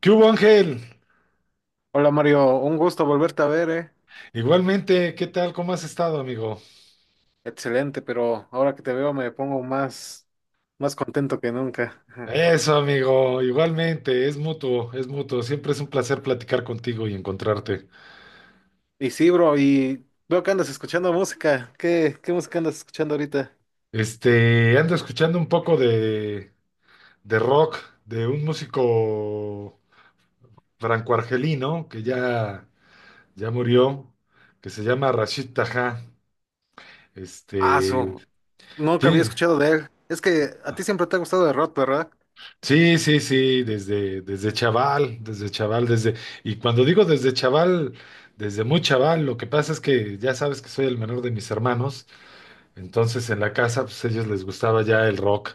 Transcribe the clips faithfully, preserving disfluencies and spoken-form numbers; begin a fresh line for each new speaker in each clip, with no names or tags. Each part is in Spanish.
¿Qué hubo, Ángel?
Hola Mario, un gusto volverte a ver, eh.
Igualmente, ¿qué tal? ¿Cómo has estado, amigo?
Excelente, pero ahora que te veo me pongo más, más contento que nunca. Ajá.
Eso, amigo, igualmente, es mutuo, es mutuo. Siempre es un placer platicar contigo y encontrarte.
Y sí, bro, y veo que andas escuchando música. ¿Qué, qué música andas escuchando ahorita?
Este, ando escuchando un poco de, de rock de un músico franco-argelino que ya, ya murió, que se llama Rashid Taha.
Ah,
Este,
su, nunca había
tiene,
escuchado de él. Es que a ti siempre te ha gustado de rock, ¿verdad?
Sí, sí, sí, desde, desde chaval, desde chaval, desde, y cuando digo desde chaval, desde muy chaval, lo que pasa es que ya sabes que soy el menor de mis hermanos. Entonces en la casa, pues a ellos les gustaba ya el rock,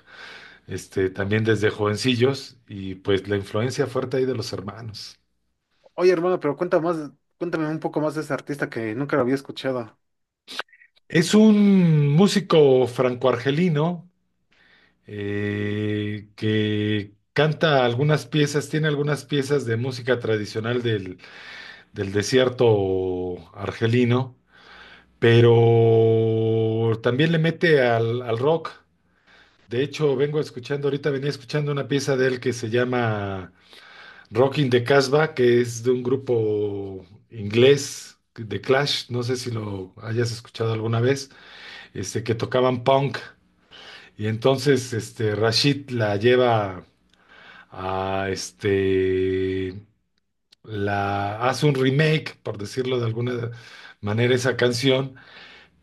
este,
O-
también desde jovencillos, y pues la influencia fuerte ahí de los hermanos.
Oye, hermano, pero cuenta más, cuéntame un poco más de ese artista que nunca lo había escuchado.
Es un músico franco-argelino, eh, que canta algunas piezas, tiene algunas piezas de música tradicional del, del desierto argelino, pero también le mete al, al rock. De hecho, vengo escuchando, ahorita venía escuchando una pieza de él que se llama Rocking the Casbah, que es de un grupo inglés de Clash, no sé si lo hayas escuchado alguna vez, este, que tocaban punk. Y entonces, este, Rashid la lleva a este, la hace un remake, por decirlo de alguna manera, esa canción,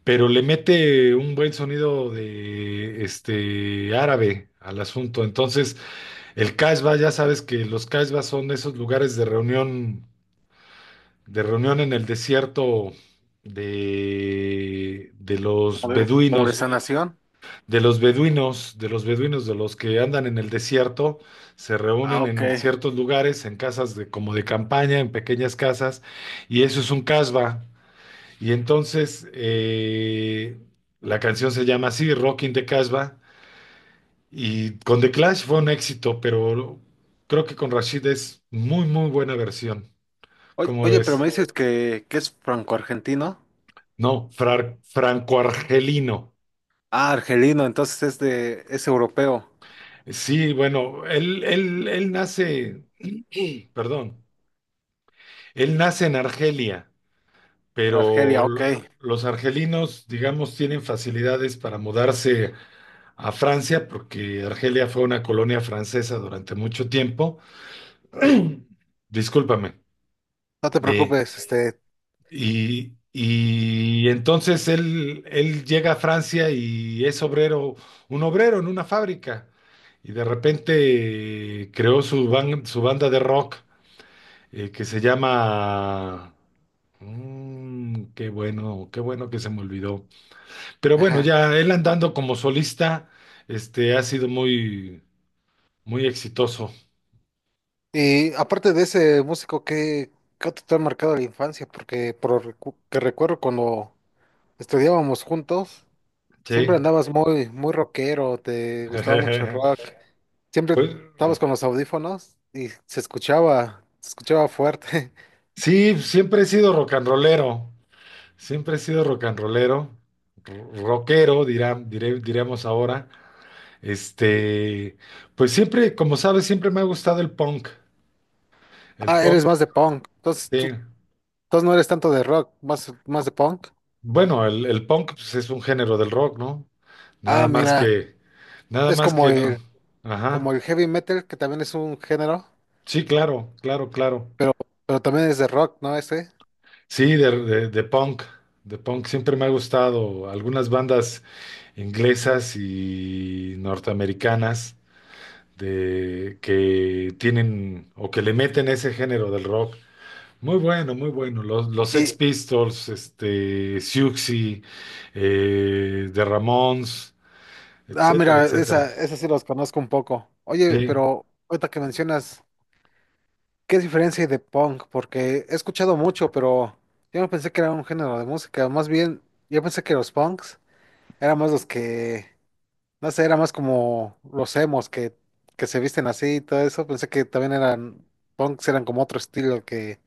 pero le mete un buen sonido de este árabe al asunto. Entonces, el Casbah, ya sabes que los Casbah son esos lugares de reunión, de reunión en el desierto de, de los
Como de, como de
beduinos,
Sanación.
de los beduinos, de los beduinos, de los que andan en el desierto, se
Ah,
reúnen
ok.
en ciertos lugares, en casas de, como de campaña, en pequeñas casas, y eso es un Casbah. Y entonces, eh, la canción se llama así, Rockin' the Casbah, y con The Clash fue un éxito, pero creo que con Rashid es muy, muy buena versión.
Oye,
¿Cómo
oye, pero me
ves?
dices que, que es franco-argentino.
No, frar- franco-argelino.
Ah, argelino, entonces es de, es europeo.
Sí, bueno, él, él, él nace, perdón, él nace en Argelia,
En
pero
Argelia, ok.
l- los argelinos, digamos, tienen facilidades para mudarse a Francia, porque Argelia fue una colonia francesa durante mucho tiempo. Discúlpame.
No te
Eh,
preocupes, este.
y, y entonces él, él llega a Francia y es obrero, un obrero en una fábrica. Y de repente, eh, creó su, ban- su banda de rock, eh, que se llama... Mm, qué bueno, qué bueno que se me olvidó. Pero bueno,
Ajá.
ya él andando como solista, este, ha sido muy, muy exitoso.
Y aparte de ese músico, ¿qué, qué otro te ha marcado la infancia? Porque por lo recu- que recuerdo cuando estudiábamos juntos, siempre
Sí.
andabas muy, muy rockero, te gustaba mucho el rock. Siempre
Pues
estabas con los audífonos y se escuchaba, se escuchaba fuerte.
sí, siempre he sido rock and rollero. Siempre he sido rock and rollero. ro- Rockero, dirán, diré- diríamos ahora. Este, pues siempre, como sabes, siempre me ha gustado el punk. El
Ah, eres
punk,
más de punk. Entonces
sí.
tú, entonces no eres tanto de rock, más, más de punk.
Bueno, el, el punk pues, es un género del rock, ¿no? Nada
Ah,
más
mira,
que, Nada
es
más
como
que no.
el,
Ajá.
como el heavy metal, que también es un género.
Sí, claro, claro, claro.
Pero, pero también es de rock, ¿no? Ese.
Sí, de, de- de punk, de punk siempre me ha gustado. Algunas bandas inglesas y norteamericanas de que tienen o que le meten ese género del rock. Muy bueno, muy bueno. Los, los Sex
Y,
Pistols, este, Siouxsie, eh, The Ramones,
ah,
etcétera,
mira, esa,
etcétera.
esa sí los conozco un poco. Oye,
Sí,
pero ahorita que mencionas, ¿qué diferencia hay de punk? Porque he escuchado mucho, pero yo no pensé que era un género de música. Más bien, yo pensé que los punks eran más los que, no sé, era más como los emos que, que se visten así y todo eso. Pensé que también eran, punks eran como otro estilo que,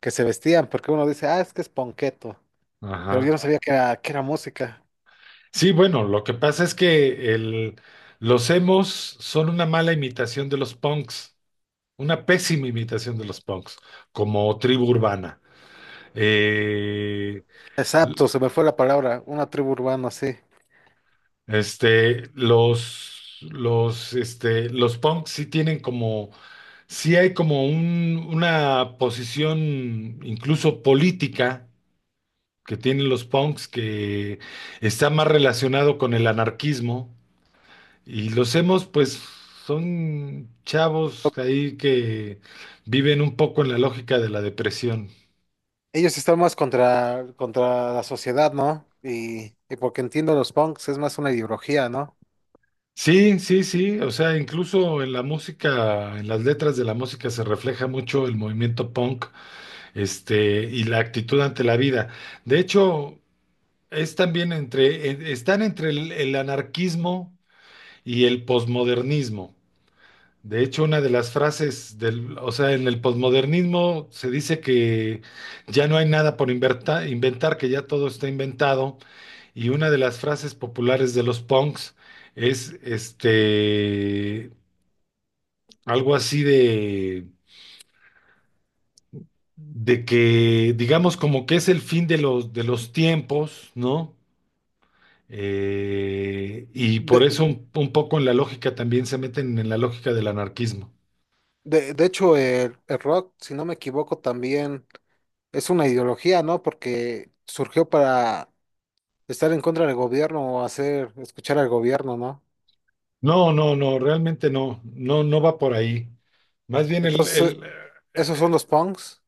que se vestían, porque uno dice, ah, es que es punketo. Pero yo
ajá.
no sabía que era, que era música.
Sí, bueno, lo que pasa es que el, los emos son una mala imitación de los punks. Una pésima imitación de los punks, como tribu urbana. Eh,
Exacto,
l-
se me fue la palabra, una tribu urbana, sí.
este, los, los, este, los punks sí tienen como, sí hay como un- una posición incluso política que tienen los punks, que está más relacionado con el anarquismo. Y los hemos, pues, son chavos ahí que viven un poco en la lógica de la depresión.
Ellos están más contra, contra la sociedad, ¿no? Y, y porque entiendo los punks, es más una ideología, ¿no?
Sí, sí, sí, o sea, incluso en la música, en las letras de la música se refleja mucho el movimiento punk, este, y la actitud ante la vida. De hecho, es también entre, en- están entre el, el anarquismo y el posmodernismo. De hecho, una de las frases del, o sea, en el posmodernismo se dice que ya no hay nada por inverta- inventar, que ya todo está inventado, y una de las frases populares de los punks es este algo así de, de que, digamos, como que es el fin de los, de los tiempos, ¿no? Eh, y por eso,
De,
un, un poco, en la lógica también, se meten en la lógica del anarquismo.
de, de hecho, el, el rock, si no me equivoco, también es una ideología, ¿no? Porque surgió para estar en contra del gobierno o hacer, escuchar al gobierno, ¿no?
No, no, no, realmente no, no, no va por ahí. Más bien, el,
Entonces,
el, eh,
esos son los punks.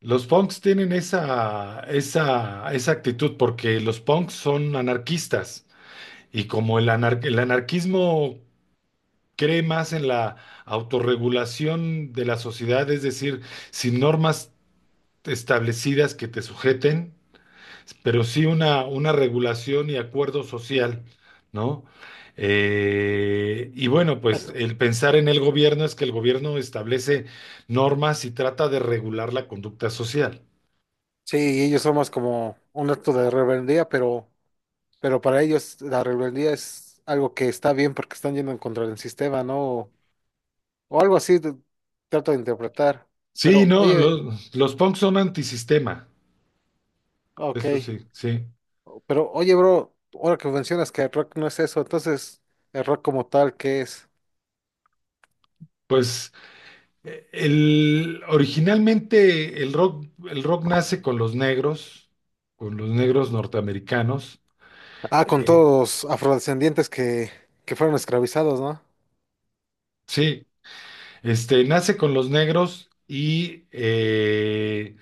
los punks tienen esa, esa, esa actitud porque los punks son anarquistas, y como el anar- el anarquismo cree más en la autorregulación de la sociedad, es decir, sin normas establecidas que te sujeten, pero sí una, una regulación y acuerdo social, ¿no? Eh, y bueno, pues
Ent-
el pensar en el gobierno es que el gobierno establece normas y trata de regular la conducta social.
Sí, ellos son más como un acto de rebeldía, pero Pero para ellos la rebeldía es algo que está bien porque están yendo en contra del sistema, ¿no? O, o algo así de- trato de interpretar.
Sí,
Pero
no,
oye,
los, los punks son antisistema,
ok,
eso sí, sí.
pero oye, bro, ahora que mencionas que el rock no es eso, entonces el rock como tal, ¿qué es?
Pues Eh, El, originalmente el rock, el rock nace con los negros, con los negros norteamericanos.
Ah, con
Eh,
todos los afrodescendientes que, que fueron esclavizados, ¿no?
Sí, este, nace con los negros y eh,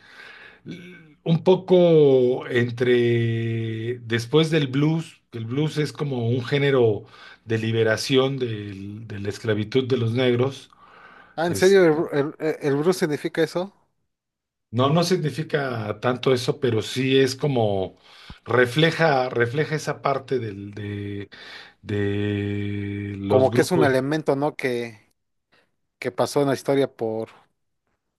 l- un poco entre, después del blues, que el blues es como un género de liberación del- de la esclavitud de los negros.
Ah, ¿en serio el, el, el blues significa eso?
No, no significa tanto eso, pero sí es como refleja, refleja esa parte del, de, de los
Como que es un
grupos.
elemento, ¿no? Que, que pasó en la historia por...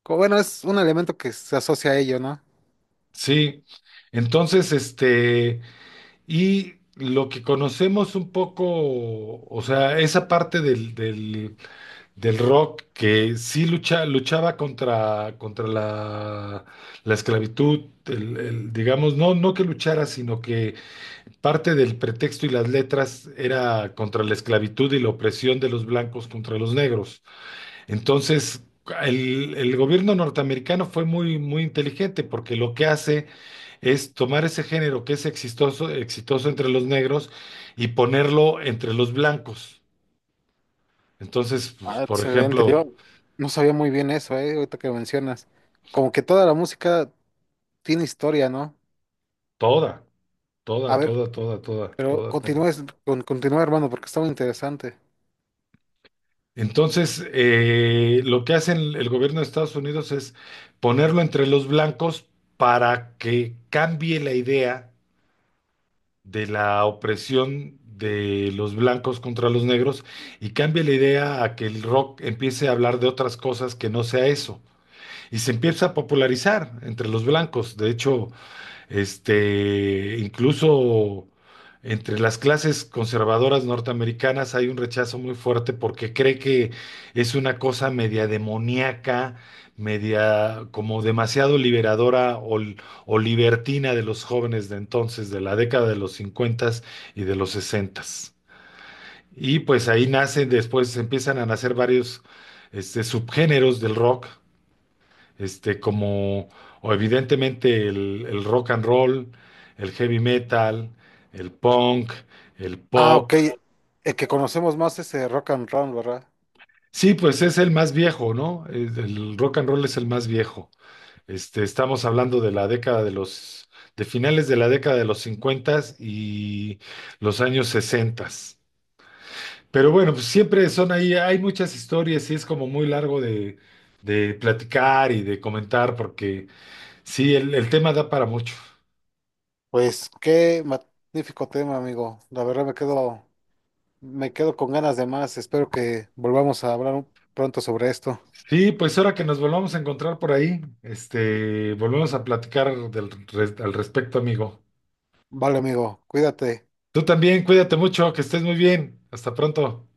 como, bueno, es un elemento que se asocia a ello, ¿no?
Sí. Entonces, este, y lo que conocemos un poco, o sea, esa parte del, del, del rock que sí lucha, luchaba contra, contra la, la esclavitud, el- el, digamos, no, no que luchara, sino que parte del pretexto y las letras era contra la esclavitud y la opresión de los blancos contra los negros. Entonces, el, el gobierno norteamericano fue muy, muy inteligente, porque lo que hace es tomar ese género que es exitoso, exitoso entre los negros, y ponerlo entre los blancos. Entonces, pues,
Ah,
por
excelente.
ejemplo,
Yo no sabía muy bien eso, eh, ahorita que mencionas. Como que toda la música tiene historia, ¿no?
toda,
A
toda,
ver,
toda, toda, toda,
pero
toda, toda.
continúa, es- con- continúa, hermano, porque está muy interesante.
Entonces, eh, lo que hace el, el gobierno de Estados Unidos es ponerlo entre los blancos, para que cambie la idea de la opresión de los blancos contra los negros, y cambie la idea a que el rock empiece a hablar de otras cosas que no sea eso. Y se empieza a popularizar entre los blancos. De hecho, este, incluso entre las clases conservadoras norteamericanas hay un rechazo muy fuerte, porque cree que es una cosa media demoníaca, media como demasiado liberadora, o, o libertina, de los jóvenes de entonces, de la década de los cincuenta y de los sesenta. Y pues ahí nacen, después empiezan a nacer varios este, subgéneros del rock, este, como, o evidentemente el, el rock and roll, el heavy metal, el punk, el
Ah,
pop.
ok. El que conocemos más es eh, rock and roll, ¿verdad?
Sí, pues es el más viejo, ¿no? Es- El rock and roll es el más viejo. Este, estamos hablando de la década de los, de finales de la década de los cincuenta y los años sesenta. Pero bueno, pues siempre son ahí, hay muchas historias, y es como muy largo de, de platicar y de comentar, porque sí, el el tema da para mucho.
Pues qué magnífico tema, amigo. La verdad me quedo, me quedo, con ganas de más. Espero que volvamos a hablar pronto sobre esto.
Sí, pues ahora que nos volvamos a encontrar por ahí, este, volvemos a platicar del, res- al respecto, amigo.
Vale, amigo, cuídate.
Tú también, cuídate mucho, que estés muy bien. Hasta pronto.